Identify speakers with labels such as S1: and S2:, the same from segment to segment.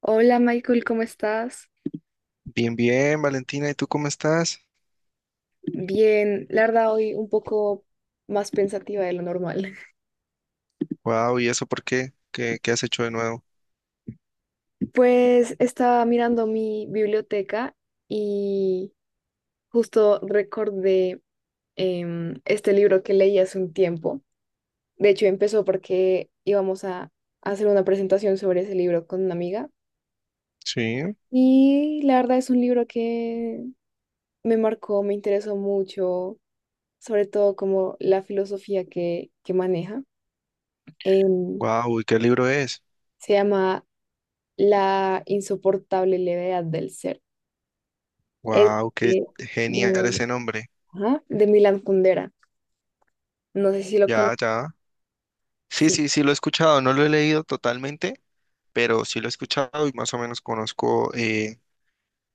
S1: Hola Michael, ¿cómo estás?
S2: Bien, bien, Valentina, ¿y tú cómo estás?
S1: Bien, la verdad hoy un poco más pensativa de lo normal.
S2: Wow, ¿y eso por qué? ¿Qué has hecho de nuevo?
S1: Pues estaba mirando mi biblioteca y justo recordé este libro que leí hace un tiempo. De hecho, empezó porque íbamos a hacer una presentación sobre ese libro con una amiga.
S2: Sí,
S1: Y la verdad es un libro que me marcó, me interesó mucho, sobre todo como la filosofía que maneja. Em,
S2: wow, ¿y qué libro es?
S1: Se llama La insoportable levedad del ser. Es
S2: Wow, qué
S1: de,
S2: genial
S1: de,
S2: ese nombre.
S1: ajá, de Milan Kundera. No sé si lo
S2: Ya,
S1: conoces.
S2: ya. Sí,
S1: Sí.
S2: sí, sí, lo he escuchado, no lo he leído totalmente, pero sí lo he escuchado y más o menos conozco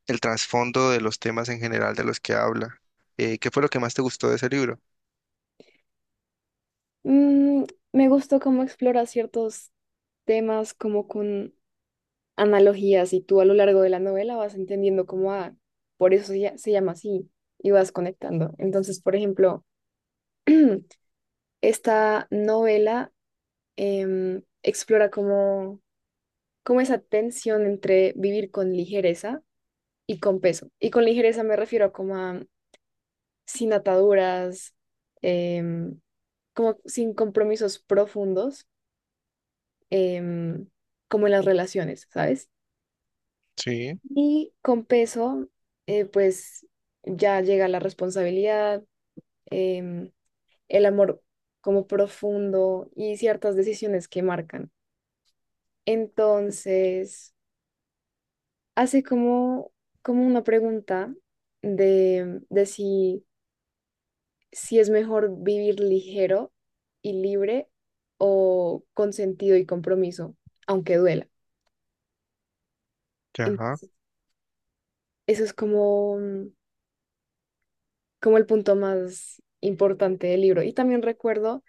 S2: el trasfondo de los temas en general de los que habla. ¿Qué fue lo que más te gustó de ese libro?
S1: Mm, me gustó cómo explora ciertos temas como con analogías y tú a lo largo de la novela vas entendiendo cómo, ah, por eso se llama así y vas conectando. Entonces, por ejemplo, esta novela explora como, como esa tensión entre vivir con ligereza y con peso. Y con ligereza me refiero como a sin ataduras, em, como sin compromisos profundos, em, como en las relaciones, ¿sabes?
S2: Sí,
S1: Y con peso, pues ya llega la responsabilidad, em, el amor como profundo y ciertas decisiones que marcan. Entonces, hace como, como una pregunta de si si es mejor vivir ligero y libre o con sentido y compromiso, aunque duela.
S2: ya, ajá.
S1: Entonces, eso es como, mm, como el punto más importante del libro. Y también recuerdo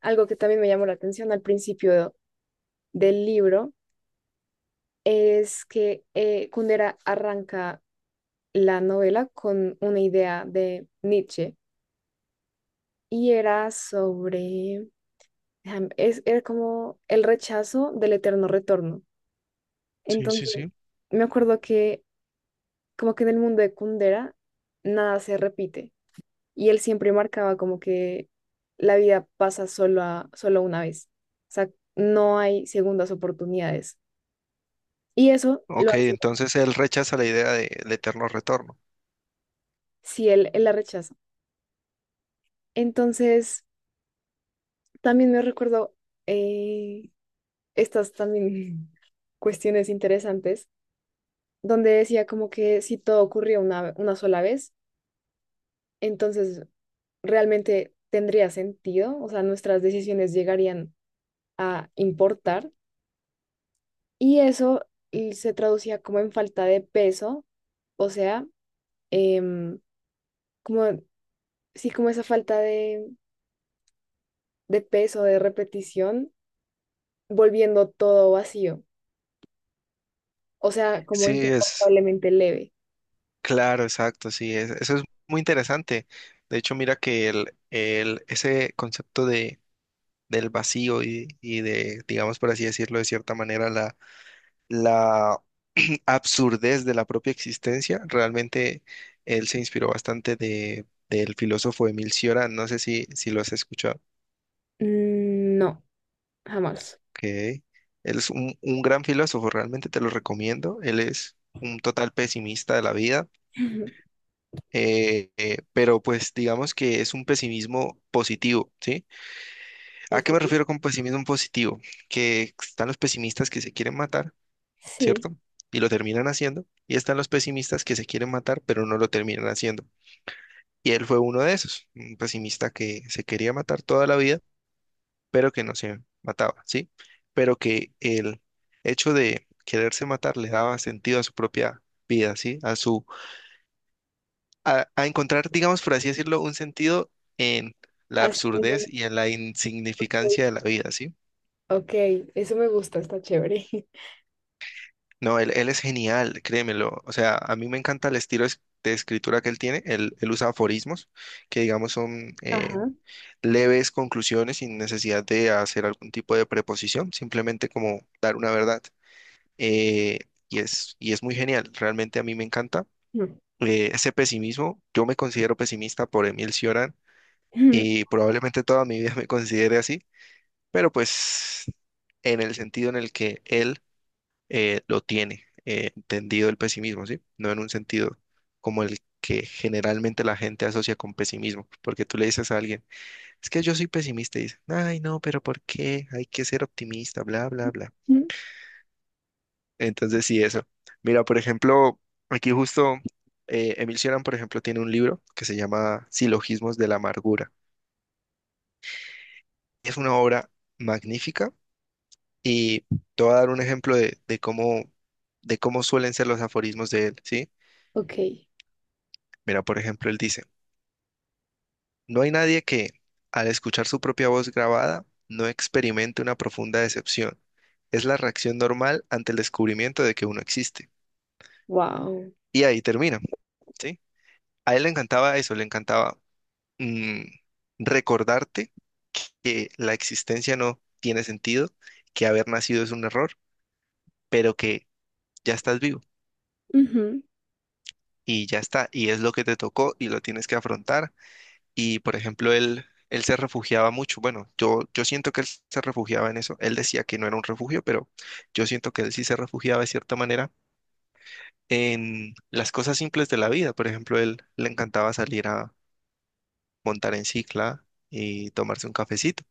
S1: algo que también me llamó la atención al principio del libro, es que Kundera arranca la novela con una idea de Nietzsche y era sobre, era como el rechazo del eterno retorno.
S2: Sí, sí,
S1: Entonces,
S2: sí.
S1: me acuerdo que como que en el mundo de Kundera nada se repite y él siempre marcaba como que la vida pasa solo, solo una vez. O sea, no hay segundas oportunidades. Y eso lo
S2: Ok,
S1: hace
S2: entonces él rechaza la idea del eterno retorno.
S1: si él la rechaza. Entonces, también me recuerdo eh, estas también cuestiones interesantes donde decía como que si todo ocurría una sola vez, entonces realmente tendría sentido, o sea, nuestras decisiones llegarían a importar y eso y se traducía como en falta de peso, o sea, em, como, sí, como esa falta de peso, de repetición, volviendo todo vacío, o sea, como
S2: Sí, es,
S1: insoportablemente leve.
S2: Claro, exacto, sí, eso es muy interesante. De hecho, mira que ese concepto de, del vacío y de, digamos por así decirlo, de cierta manera, la absurdez de la propia existencia, realmente él se inspiró bastante de, del filósofo Emil Cioran, no sé si lo has escuchado.
S1: Mm, no, jamás.
S2: Que él es un gran filósofo, realmente te lo recomiendo. Él es un total pesimista de la vida, pero pues digamos que es un pesimismo positivo, ¿sí? ¿A
S1: Ok,
S2: qué me refiero con pesimismo positivo? Que están los pesimistas que se quieren matar,
S1: sí,
S2: ¿cierto? Y lo terminan haciendo, y están los pesimistas que se quieren matar, pero no lo terminan haciendo. Y él fue uno de esos, un pesimista que se quería matar toda la vida, pero que no se mataba, ¿sí? Pero que el hecho de quererse matar le daba sentido a su propia vida, ¿sí? A, a encontrar, digamos, por así decirlo, un sentido en la
S1: así.
S2: absurdez y en la insignificancia de la vida, ¿sí?
S1: Ok, eso me gusta, está chévere.
S2: No, él es genial, créemelo. O sea, a mí me encanta el estilo de escritura que él tiene. Él usa aforismos que, digamos, son
S1: Ajá.
S2: leves conclusiones sin necesidad de hacer algún tipo de preposición, simplemente como dar una verdad. Eh, y es, y es muy genial, realmente a mí me encanta. Ese pesimismo, yo me considero pesimista por Emil Cioran y probablemente toda mi vida me considere así, pero pues en el sentido en el que él lo tiene entendido el pesimismo, ¿sí? No en un sentido como el que generalmente la gente asocia con pesimismo, porque tú le dices a alguien, es que yo soy pesimista y dice, ay, no, pero ¿por qué? Hay que ser optimista, bla, bla, bla. Entonces, sí, eso. Mira, por ejemplo, aquí justo Emil Cioran, por ejemplo, tiene un libro que se llama Silogismos de la Amargura. Es una obra magnífica. Y te voy a dar un ejemplo de cómo suelen ser los aforismos de él, ¿sí?
S1: Ok,
S2: Mira, por ejemplo, él dice, no hay nadie que, al escuchar su propia voz grabada, no experimente una profunda decepción. Es la reacción normal ante el descubrimiento de que uno existe.
S1: wow.
S2: Y ahí termina, ¿sí? A él le encantaba eso, le encantaba, mm, recordarte que la existencia no tiene sentido, que haber nacido es un error, pero que ya estás vivo.
S1: Ujú.
S2: Y ya está, y es lo que te tocó y lo tienes que afrontar. Y por ejemplo, él se refugiaba mucho, bueno, yo siento que él se refugiaba en eso, él decía que no era un refugio, pero yo siento que él sí se refugiaba de cierta manera en las cosas simples de la vida, por ejemplo, él le encantaba salir a montar en cicla y tomarse un cafecito,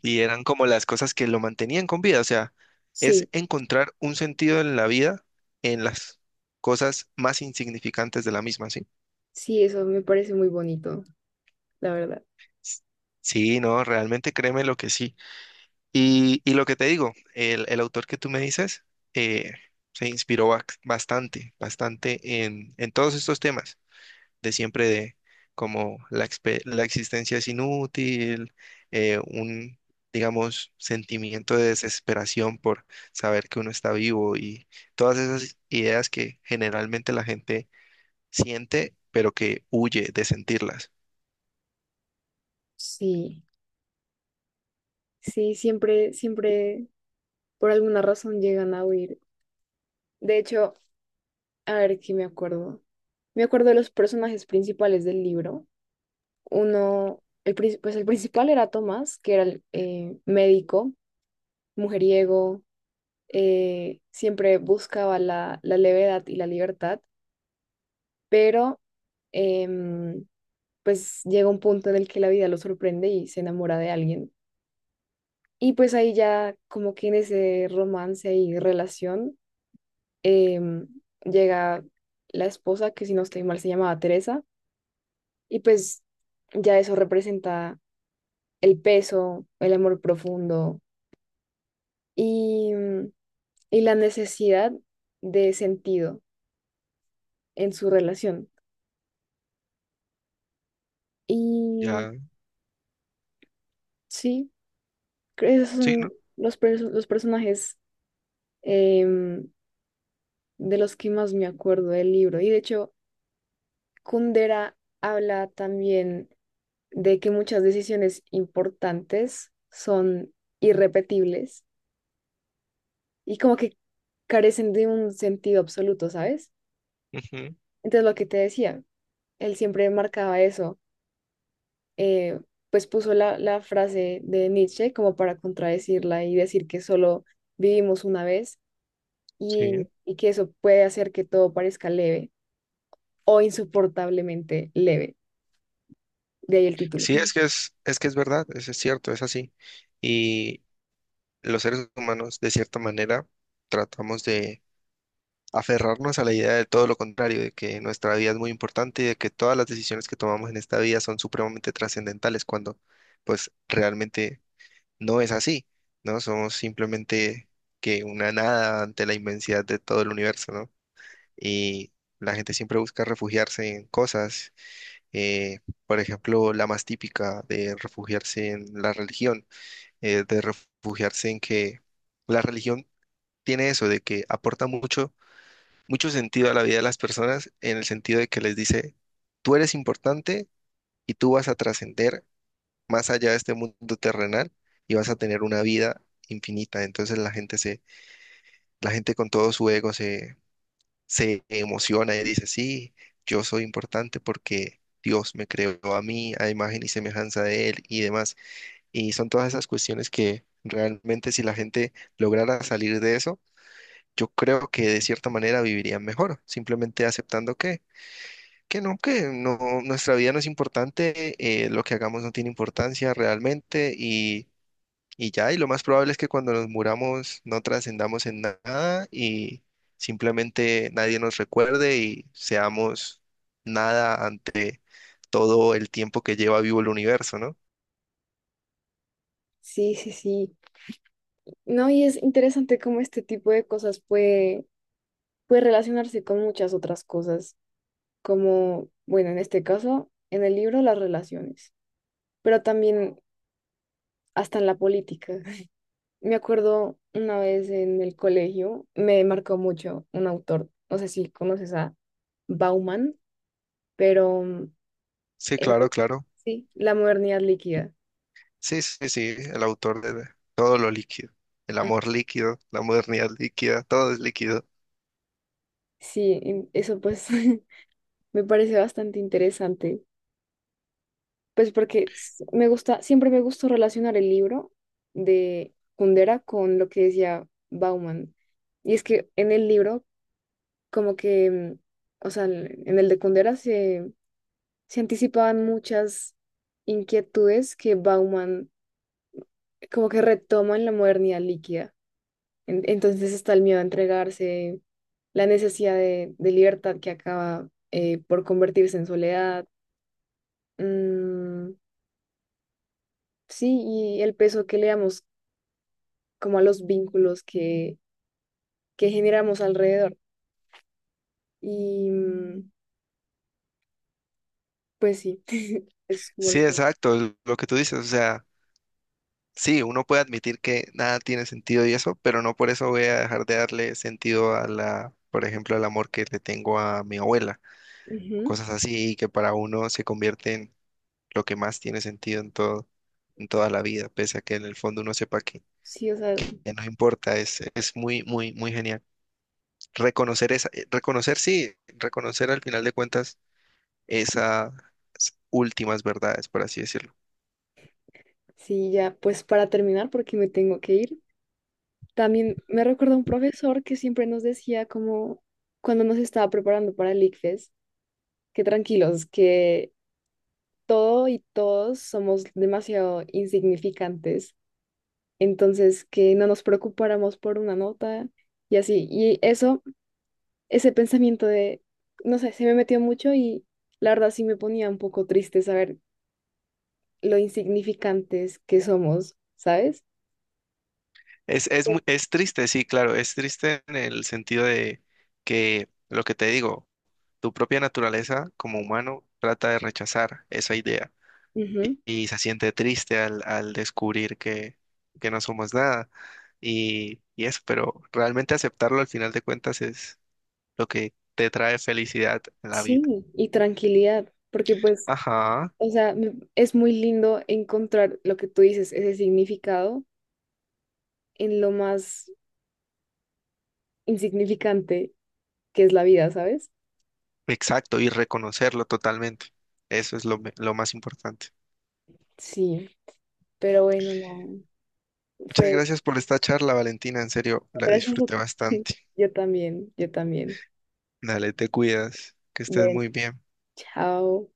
S2: y eran como las cosas que lo mantenían con vida, o sea,
S1: Sí,
S2: es encontrar un sentido en la vida en las cosas más insignificantes de la misma, ¿sí?
S1: sí, eso me parece muy bonito, la verdad.
S2: Sí, no, realmente créeme lo que sí. Y lo que te digo, el autor que tú me dices eh, se inspiró bastante, bastante en todos estos temas de siempre de como la existencia es inútil, eh, un, digamos, sentimiento de desesperación por saber que uno está vivo y todas esas ideas que generalmente la gente siente, pero que huye de sentirlas.
S1: Sí, sí, siempre, siempre, por alguna razón llegan a huir. De hecho, a ver qué me acuerdo. Me acuerdo de los personajes principales del libro. Uno, pues el principal era Tomás, que era el médico, mujeriego, siempre buscaba la levedad y la libertad, pero em, pues llega un punto en el que la vida lo sorprende y se enamora de alguien. Y pues ahí ya como que en ese romance y relación em, llega la esposa, que si no estoy mal se llamaba Teresa, y pues ya eso representa el peso, el amor profundo y, mm, y la necesidad de sentido en su relación. Y mm,
S2: Ya,
S1: sí, creo que esos
S2: sí,
S1: son
S2: ¿no?
S1: los personajes em, de los que más me acuerdo del libro. Y de hecho, Kundera habla también de que muchas decisiones importantes son irrepetibles y como que carecen de un sentido absoluto, ¿sabes?
S2: Ujú,
S1: Entonces, lo que te decía, él siempre marcaba eso, eh, pues puso la frase de Nietzsche como para contradecirla y decir que solo vivimos una vez
S2: sí.
S1: y que eso puede hacer que todo parezca leve o insoportablemente leve, de ahí el título.
S2: Sí, es que es verdad, es cierto, es así. Y los seres humanos, de cierta manera, tratamos de aferrarnos a la idea de todo lo contrario, de que nuestra vida es muy importante y de que todas las decisiones que tomamos en esta vida son supremamente trascendentales, cuando pues realmente no es así, ¿no? Somos simplemente que una nada ante la inmensidad de todo el universo, ¿no? Y la gente siempre busca refugiarse en cosas, eh, por ejemplo, la más típica de refugiarse en la religión, de refugiarse en que la religión tiene eso, de que aporta mucho, mucho sentido a la vida de las personas, en el sentido de que les dice, tú eres importante y tú vas a trascender más allá de este mundo terrenal y vas a tener una vida infinita. Entonces la gente con todo su ego se emociona y dice, sí, yo soy importante porque Dios me creó a mí, a imagen y semejanza de Él y demás. Y son todas esas cuestiones que realmente si la gente lograra salir de eso, yo creo que de cierta manera vivirían mejor, simplemente aceptando que, que no, nuestra vida no es importante, lo que hagamos no tiene importancia realmente y ya, y lo más probable es que cuando nos muramos no trascendamos en nada y simplemente nadie nos recuerde y seamos nada ante todo el tiempo que lleva vivo el universo, ¿no?
S1: Sí, sí, sí. No, y es interesante cómo este tipo de cosas puede relacionarse con muchas otras cosas, como, bueno, en este caso, en el libro, las relaciones, pero también hasta en la política. Me acuerdo una vez en el colegio, me marcó mucho un autor, no sé si conoces a Bauman, pero mm,
S2: Sí,
S1: eh,
S2: claro, claro.
S1: sí, La modernidad líquida.
S2: Sí, sí, sí, el autor de todo lo líquido, el
S1: Ah,
S2: amor líquido, la modernidad líquida, todo es líquido.
S1: sí, en- eso pues me parece bastante interesante. Pues porque s- me gusta, siempre me gustó relacionar el libro de Kundera con lo que decía Bauman. Y es que en el libro, como que, mm, o sea, en el de Kundera se anticipaban muchas inquietudes que Bauman como que retoma en la modernidad líquida. En- entonces está el miedo a entregarse, la necesidad de libertad que acaba por convertirse en soledad. Mm, sí, y el peso que le damos como a los vínculos que generamos alrededor. Y mm, pues sí, es como
S2: Sí,
S1: lo que...
S2: exacto, es lo que tú dices, o sea. Sí, uno puede admitir que nada tiene sentido y eso, pero no por eso voy a dejar de darle sentido a la, por ejemplo, al amor que le tengo a mi abuela.
S1: Ujú.
S2: Cosas así que para uno se convierte en lo que más tiene sentido en todo, en toda la vida, pese a que en el fondo uno sepa que
S1: Sí, o sea,
S2: ya no importa. Es muy, muy, muy genial. Reconocer esa, reconocer, sí, reconocer al final de cuentas esas últimas verdades, por así decirlo.
S1: sí, ya pues para terminar, porque me tengo que ir. También me recuerda un profesor que siempre nos decía como cuando nos estaba preparando para el ICFES, que tranquilos, que todo y todos somos demasiado insignificantes, entonces que no nos preocupáramos por una nota y así. Y eso ese pensamiento de, no sé, se me metió mucho y la verdad sí me ponía un poco triste saber lo insignificantes que somos, ¿sabes?
S2: Es, es triste, sí, claro, es triste en el sentido de que lo que te digo, tu propia naturaleza como humano trata de rechazar esa idea
S1: Ujú.
S2: y se siente triste al, al descubrir que no somos nada y, y eso, pero realmente aceptarlo al final de cuentas es lo que te trae felicidad en la vida.
S1: Sí, y tranquilidad, porque pues,
S2: Ajá,
S1: o sea, me- es muy lindo encontrar lo que tú dices, ese significado en lo más insignificante que es la vida, ¿sabes?
S2: exacto, y reconocerlo totalmente. Eso es lo, lo más importante.
S1: Sí, pero bueno, no,
S2: Muchas
S1: fue
S2: gracias por esta charla, Valentina, en serio, la
S1: gracias a
S2: disfruté
S1: ti.
S2: bastante.
S1: Yo también, yo también.
S2: Dale, te cuidas, que estés
S1: Bueno,
S2: muy bien.
S1: chao.